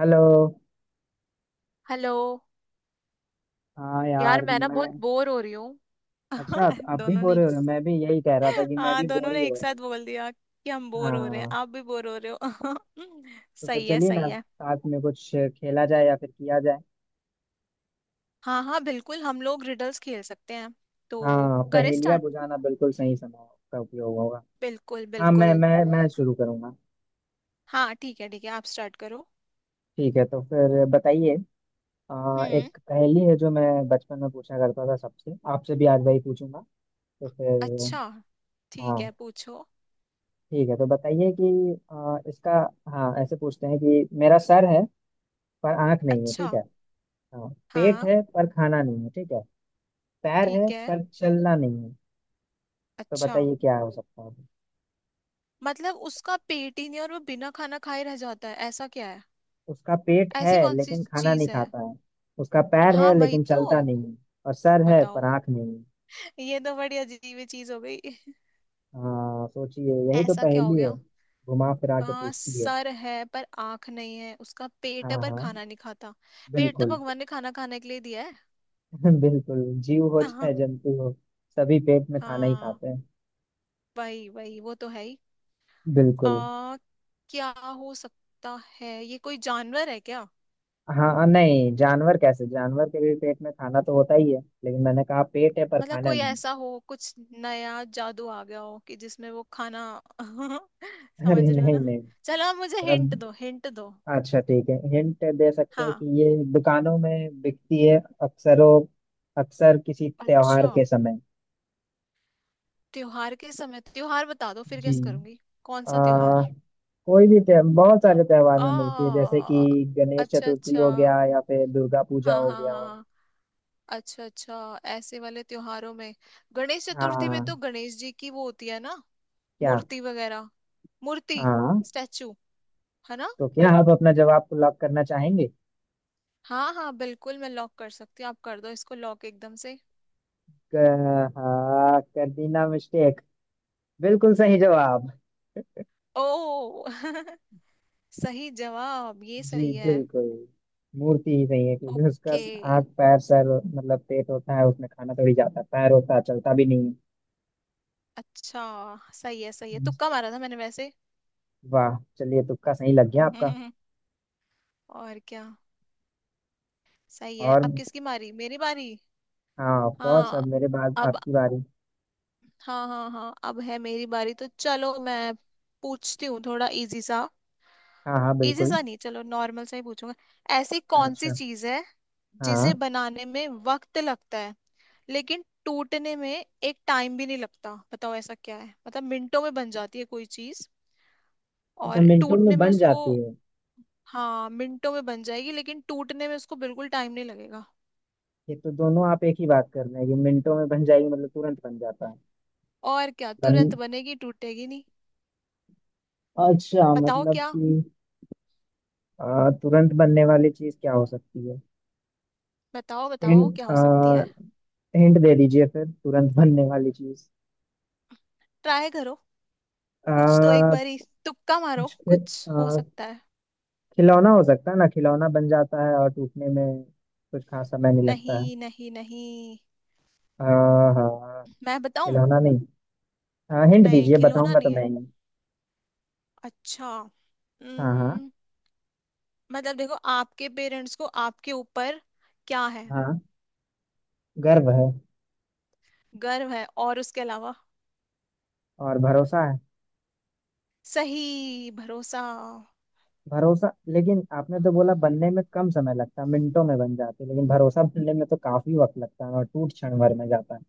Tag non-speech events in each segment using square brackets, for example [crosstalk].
Hello. Hello. हाँ यार यार मैं ना मैं। बहुत बोर हो रही हूँ। अच्छा। [laughs] आप भी दोनों ने बोर हो एक, रहे हो, मैं भी यही कह रहा था कि मैं हाँ भी बोर दोनों ही ने हो एक रहा साथ हूँ। बोल दिया कि हम बोर हो रहे हैं, हाँ। आप भी बोर हो रहे हो। [laughs] तो फिर सही है, चलिए ना, सही है। साथ में कुछ खेला जाए या फिर किया जाए। हाँ हाँ बिल्कुल, हम लोग रिडल्स खेल सकते हैं। तो हाँ, करें पहेलियाँ स्टार्ट। बुझाना बिल्कुल सही समय का उपयोग होगा। बिल्कुल हाँ, मैं बिल्कुल। मैं मैं शुरू करूँगा। हाँ ठीक है ठीक है, आप स्टार्ट करो। ठीक है, तो फिर बताइए। हम्म। एक पहेली है जो मैं बचपन में पूछा करता था सबसे, आपसे भी आज वही पूछूंगा। तो फिर। अच्छा, ठीक हाँ है पूछो। ठीक है, तो बताइए कि इसका। हाँ, ऐसे पूछते हैं कि मेरा सर है पर आँख नहीं है, अच्छा। ठीक है। हाँ। पेट हाँ। है पर खाना नहीं है, ठीक है। पैर है ठीक है। पर चलना नहीं है। तो अच्छा। बताइए क्या हो सकता है। मतलब उसका पेट ही नहीं और वो बिना खाना खाए रह जाता है? ऐसा क्या है? उसका पेट है ऐसी कौन सी लेकिन खाना नहीं चीज है? खाता है। उसका पैर हाँ है वही लेकिन चलता तो। नहीं है। और सर है पर बताओ। आंख नहीं है। ये तो बड़ी अजीब ही चीज हो गई। हाँ, सोचिए यही तो ऐसा क्या हो पहेली है। गया? घुमा फिरा के हाँ पूछती है। सर है पर आंख नहीं है, उसका पेट हाँ है पर हाँ खाना नहीं खाता। पेट तो बिल्कुल। भगवान ने खाना खाने के लिए दिया है। [laughs] बिल्कुल, जीव हो हाँ। चाहे जंतु हो, सभी पेट में खाना ही हाँ खाते हैं। वही वही वो तो है ही। बिल्कुल। आ, क्या हो सकता है? ये कोई जानवर है क्या? हाँ नहीं, जानवर कैसे, जानवर के भी पेट में खाना तो होता ही है, लेकिन मैंने कहा पेट है पर मतलब खाना कोई नहीं। ऐसा हो, कुछ नया जादू आ गया हो कि जिसमें वो खाना, [laughs] [laughs] अरे समझ रहे हो नहीं ना। नहीं। चलो मुझे हिंट मतलब, दो, हिंट दो। अच्छा ठीक है, हिंट दे सकते हैं हाँ। कि ये दुकानों में बिकती है अक्सरों अक्सर किसी त्योहार अच्छा के समय। त्योहार के समय? त्योहार बता दो फिर जी। गेस करूंगी। कौन आ, सा त्योहार? कोई भी त्योहार, बहुत सारे त्योहार में मिलती है, आ जैसे कि गणेश अच्छा चतुर्थी अच्छा। हो गया या फिर दुर्गा पूजा हाँ हो हाँ हाँ गया। हाँ। अच्छा अच्छा, ऐसे वाले त्योहारों में। गणेश चतुर्थी में हाँ। तो गणेश जी की वो होती है ना, क्या। मूर्ति वगैरह। मूर्ति, हाँ। स्टैचू, है ना? तो क्या आप अपना जवाब को लॉक करना चाहेंगे। हाँ हाँ बिल्कुल, मैं लॉक कर सकती हूँ। आप कर दो इसको लॉक एकदम से। हाँ, कर दी ना मिस्टेक। बिल्कुल सही जवाब। ओ [laughs] सही जवाब, ये जी सही है। बिल्कुल। मूर्ति ही सही है, क्योंकि उसका ओके। हाथ, पैर, सर, मतलब पेट होता है उसमें खाना थोड़ी जाता है, पैर होता है चलता भी नहीं अच्छा सही है सही है, है। तुक्का मारा था मैंने वैसे। वाह, चलिए तुक्का सही लग गया आपका। [laughs] और क्या। सही है। और। अब किसकी बारी? मेरी बारी। हाँ, ऑफ कोर्स, अब हाँ। मेरे बाद अब, आपकी बारी। हाँ हाँ हाँ अब है मेरी बारी, तो चलो मैं पूछती हूँ थोड़ा इजी सा। हाँ हाँ इजी बिल्कुल। सा नहीं, चलो नॉर्मल सा ही पूछूंगा। ऐसी कौन सी अच्छा। चीज है जिसे हाँ। बनाने में वक्त लगता है लेकिन टूटने में एक टाइम भी नहीं लगता? बताओ ऐसा क्या है। मतलब मिनटों में बन जाती है कोई चीज, अच्छा, और मिनटों में टूटने में बन उसको। जाती है। हाँ मिनटों में बन जाएगी लेकिन टूटने में उसको बिल्कुल टाइम नहीं लगेगा। ये तो दोनों आप एक ही बात कर रहे हैं, ये मिनटों में बन जाएगी मतलब तुरंत बन जाता है। और क्या, तुरंत बन बनेगी टूटेगी नहीं। अच्छा, बताओ मतलब क्या। कि तुरंत बनने वाली चीज क्या हो सकती है। बताओ बताओ क्या हिंट हो सकती है। हिंट दे दीजिए फिर, तुरंत बनने वाली चीज। ट्राई करो। कुछ तो एक आ बारी तुक्का मारो, कुछ खि- कुछ हो आ, सकता है। खिलौना हो सकता है ना, खिलौना बन जाता है और टूटने में कुछ खास समय नहीं लगता है। नहीं नहीं नहीं। आ, हाँ, मैं बताऊं? खिलौना नहीं। हाँ, हिंट नहीं दीजिए, खिलौना बताऊंगा तो नहीं मैं है। ही। अच्छा। हाँ हाँ उम्म, मतलब देखो, आपके पेरेंट्स को आपके ऊपर क्या है? हाँ। गर्व है। गर्व है? और उसके अलावा? और भरोसा है। सही, भरोसा। भरोसा, लेकिन आपने तो बोला बनने में कम समय लगता है, मिनटों में बन जाती है, लेकिन भरोसा बनने में तो काफी वक्त लगता है और टूट क्षण भर में जाता है।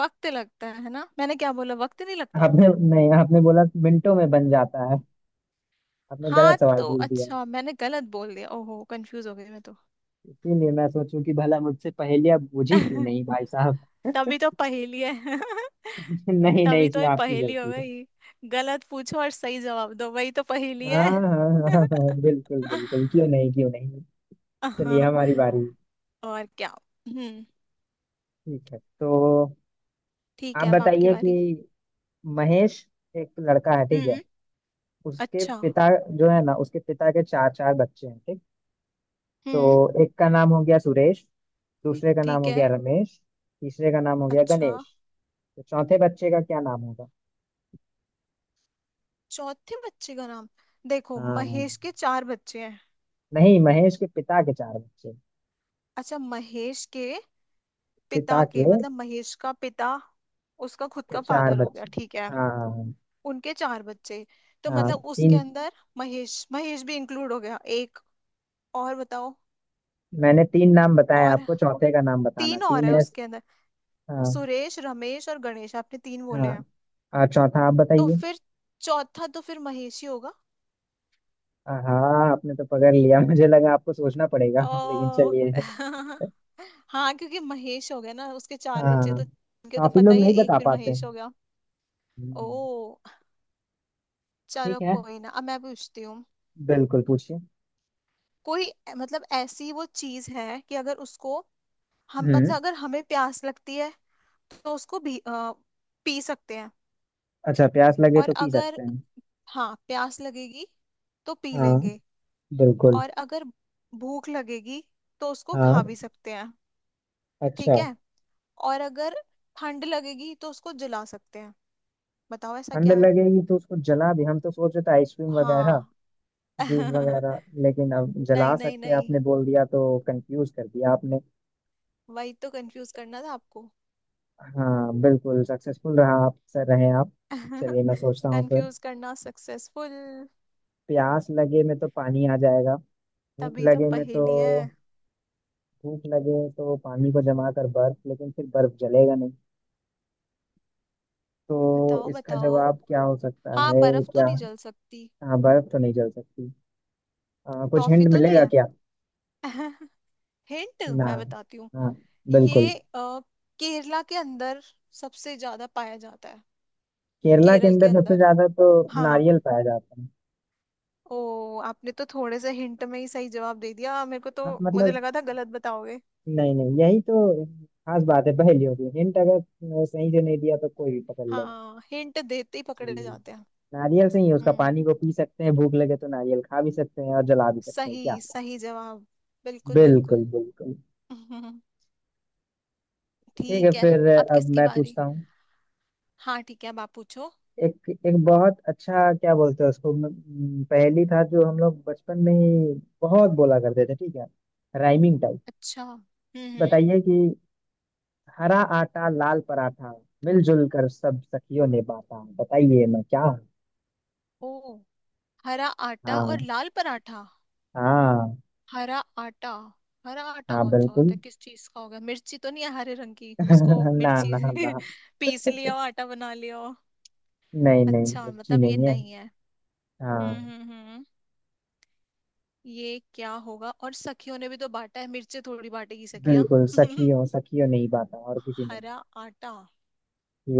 वक्त लगता है ना, मैंने क्या बोला? वक्त नहीं लगता। आपने नहीं, आपने बोला मिनटों में बन जाता है। आपने गलत हाँ सवाल तो पूछ दिया। अच्छा मैंने गलत बोल दिया, ओहो कंफ्यूज हो गई मैं तो। इसीलिए मैं सोचूं कि भला मुझसे पहले आप बुझी क्यों नहीं [laughs] भाई साहब। [laughs] तभी तो पहेली है। [laughs] नहीं नहीं, तभी तो इसमें ये आपकी पहेली हो गलती है। गई। गलत पूछो और सही जवाब दो, वही तो पहेली हाँ है। हाँ हाँ हाँ हाँ, [laughs] बिल्कुल बिल्कुल, क्यों नहीं क्यों नहीं। चलिए हाँ। हमारी बारी। और क्या। हम्म। ठीक है, तो ठीक आप है अब आपकी बताइए कि बारी। महेश एक लड़का है, ठीक है। हम्म। उसके अच्छा। पिता, जो है ना, उसके पिता के चार चार बच्चे हैं, ठीक। हम्म। तो एक का नाम हो गया सुरेश। दूसरे का नाम ठीक हो है। गया रमेश। तीसरे का नाम हो गया अच्छा। गणेश। तो चौथे बच्चे का क्या नाम होगा। चौथे बच्चे का नाम? देखो हाँ महेश के चार बच्चे हैं। नहीं, महेश के पिता के चार बच्चे। अच्छा महेश के पिता पिता के मतलब, महेश का पिता उसका खुद के का चार फादर हो गया बच्चे। ठीक है। हाँ हाँ। उनके चार बच्चे, तो हाँ, मतलब उसके तीन। अंदर महेश, महेश भी इंक्लूड हो गया एक। और बताओ। मैंने तीन नाम बताए, और आपको चौथे का नाम बताना, तीन और है तीन है। उसके अंदर? हाँ सुरेश रमेश और गणेश, आपने तीन बोले हाँ। हैं। और चौथा आप तो बताइए। फिर, चौथा तो फिर महेश ही होगा। हाँ, आपने तो पकड़ लिया, मुझे लगा आपको सोचना पड़ेगा, लेकिन ओ चलिए। [laughs] हाँ क्योंकि महेश हो गया ना उसके चार बच्चे, हाँ, तो उनके तो काफी पता लोग ही है, नहीं एक बता फिर पाते महेश हो हैं। गया। हम्म। ओ। ठीक चलो है, कोई ना, अब मैं पूछती हूँ। बिल्कुल पूछिए। कोई, मतलब ऐसी वो चीज है कि अगर उसको, हम मतलब हम्म। अगर हमें प्यास लगती है तो उसको भी पी सकते हैं। अच्छा, प्यास लगे और तो पी अगर, सकते हैं। हाँ प्यास लगेगी तो पी हाँ लेंगे। बिल्कुल। और अगर भूख लगेगी तो उसको खा भी हाँ। सकते हैं। अच्छा, ठीक है। और अगर ठंड लगेगी तो उसको जला सकते हैं। बताओ ऐसा ठंड क्या है। लगेगी तो उसको जला भी, हम तो सोच रहे थे आइसक्रीम वगैरह, हाँ। जूस [laughs] वगैरह, लेकिन अब जला नहीं नहीं सकते हैं नहीं, आपने बोल दिया तो कंफ्यूज कर दिया आपने। वही तो कंफ्यूज करना था आपको। हाँ, बिल्कुल सक्सेसफुल रहा, आप सर रहे आप। चलिए मैं [laughs] सोचता हूँ फिर। कंफ्यूज करना सक्सेसफुल। प्यास लगे में तो पानी आ जाएगा। भूख तभी तो लगे में तो पहेली है। भूख लगे तो पानी को जमा कर बर्फ, लेकिन फिर बर्फ जलेगा नहीं। तो बताओ इसका बताओ। जवाब क्या हो सकता हाँ है बर्फ तो क्या। नहीं जल सकती। हाँ, बर्फ तो नहीं जल सकती। कुछ टॉफी हिंट तो नहीं मिलेगा क्या। है। [laughs] हिंट ना। मैं बताती हूँ। हाँ बिल्कुल। ये केरला के अंदर सबसे ज्यादा पाया जाता है। केरला के केरल अंदर के सबसे अंदर। ज्यादा तो हाँ। नारियल पाया जाता है। ओ आपने तो थोड़े से हिंट में ही सही जवाब दे दिया मेरे को तो। हाँ मुझे मतलब, लगा था गलत बताओगे। नहीं नहीं, यही तो खास बात है पहेलियों की, हिंट अगर सही से नहीं दिया तो कोई भी पकड़ लेगा। हाँ, हिंट देते ही पकड़े जी। जाते हैं। नारियल से ही उसका पानी हम्म। को पी सकते हैं, भूख लगे तो नारियल खा भी सकते हैं और जला भी सकते हैं क्या। सही, सही जवाब। बिल्कुल बिल्कुल बिल्कुल। बिल्कुल। [laughs] हम्म। ठीक है ठीक है। फिर अब अब किसकी मैं बारी? पूछता हूँ। हाँ ठीक है अब आप पूछो। एक एक बहुत अच्छा, क्या बोलते हैं उसको, म, म, पहेली था जो हम लोग बचपन में ही बहुत बोला करते थे, ठीक है। Rhyming type. अच्छा। बताइए कि हरा आटा, लाल पराठा, मिलजुल कर सब सखियों ने बांटा, बताइए मैं क्या हूँ। ओ। हरा आटा और हाँ लाल पराठा। हाँ। हरा आटा। हरा आटा हाँ कौन सा बिल्कुल। होता है, किस चीज का होगा? मिर्ची तो नहीं है, हरे रंग की उसको, [laughs] ना मिर्ची ना [laughs] ना। पीस लिया हो आटा बना लिया हो। नहीं नहीं, अच्छा उसकी मतलब ये नहीं है। नहीं है। हाँ, हम्म। ये क्या होगा, और सखियों ने भी तो बांटा है, मिर्ची थोड़ी बांटेगी सखिया। बिल्कुल, [laughs] सखियों सखियों नहीं पाता और किसी नहीं। हरा आटा,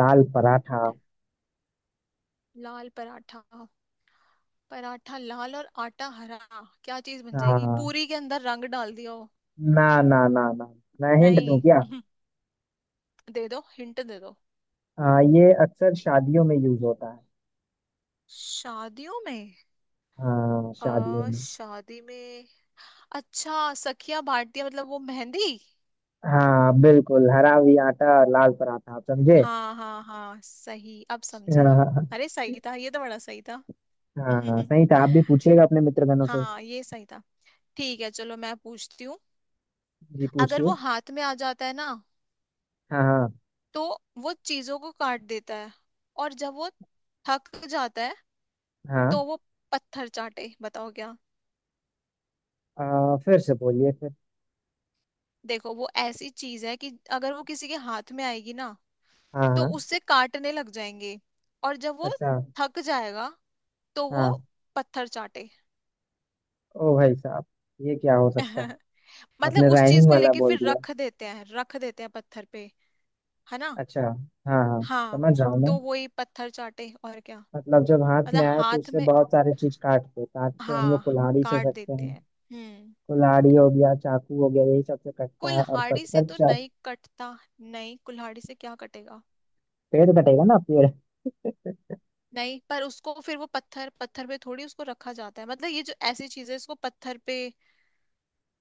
लाल पराठा। लाल पराठा। पराठा लाल और आटा हरा। क्या चीज बन जाएगी? हाँ, पूरी के अंदर रंग डाल दिया हो? ना ना ना ना। मैं हिंट दूं नहीं। क्या। [laughs] दे दो हिंट दे दो। हाँ, ये अक्सर शादियों में यूज होता है। शादियों में? हाँ, शादियों में। शादी में? अच्छा सखिया, भारतीय, मतलब वो मेहंदी? हाँ बिल्कुल, हरा भी आटा और लाल पराठा, आप समझे। हाँ हाँ हाँ सही, अब समझी। हाँ अरे सही था, ये तो बड़ा सही था। हाँ, सही [laughs] था, आप भी पूछिएगा अपने मित्र गणों से। हाँ ये सही था। ठीक है चलो मैं पूछती हूँ। जी अगर वो पूछिए। हाथ में आ जाता है ना हाँ हाँ तो वो चीजों को काट देता है, और जब वो थक जाता है हाँ। तो वो पत्थर चाटे। बताओ क्या। फिर से बोलिए फिर। देखो वो ऐसी चीज है कि अगर वो किसी के हाथ में आएगी ना हाँ तो हाँ। उससे काटने लग जाएंगे, और जब वो अच्छा। थक जाएगा तो वो हाँ। पत्थर चाटे। ओ भाई साहब, ये क्या हो सकता है। [laughs] मतलब आपने उस चीज राइमिंग को वाला लेके बोल फिर दिया। रख देते हैं, रख देते हैं पत्थर पे, है ना? अच्छा। हाँ हाँ, हाँ समझ रहा हूँ मैं। तो वही पत्थर चाटे, और क्या। मतलब जब हाथ में मतलब आए तो हाथ उससे में, बहुत सारे चीज काटते हैं, काट तो हम लोग हाँ कुल्हाड़ी से काट सकते देते हैं। हैं। हम्म। कुल्हाड़ी हो गया, चाकू हो गया, यही सबसे कटता है और कुल्हाड़ी से पत्थर तो चा। नहीं कटता। नहीं कुल्हाड़ी से क्या कटेगा? पेड़ कटेगा ना, पेड़। [laughs] नहीं पर उसको फिर वो पत्थर पत्थर पे थोड़ी उसको रखा जाता है, मतलब ये जो ऐसी चीजें इसको पत्थर पे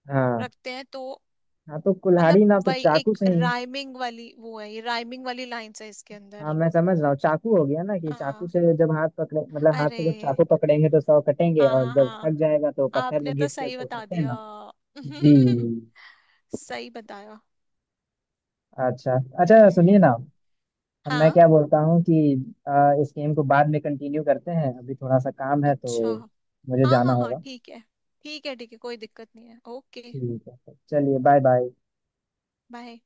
हाँ रखते हैं तो। हाँ, तो कुल्हाड़ी मतलब ना तो वही चाकू एक से ही। राइमिंग वाली वो है, ये राइमिंग वाली लाइंस है इसके हाँ, अंदर। मैं समझ रहा हूँ, चाकू हो गया ना, कि चाकू हाँ। से जब हाथ पकड़े, मतलब हाथ अरे से जब चाकू पकड़ेंगे तो सौ कटेंगे, हाँ और हाँ जब हाँ, थक जाएगा तो पत्थर में आपने तो घिस के सही उसको बता करते हैं दिया। ना। जी। [laughs] सही बताया। अच्छा अच्छा, सुनिए ना। हम्म। अब मैं हाँ। क्या बोलता हूँ कि इस गेम को बाद में कंटिन्यू करते हैं, अभी थोड़ा सा काम है अच्छा। तो मुझे हाँ जाना हाँ हाँ होगा। ठीक है, ठीक है ठीक है कोई दिक्कत नहीं है, ओके। ठीक है, चलिए बाय बाय। बाय।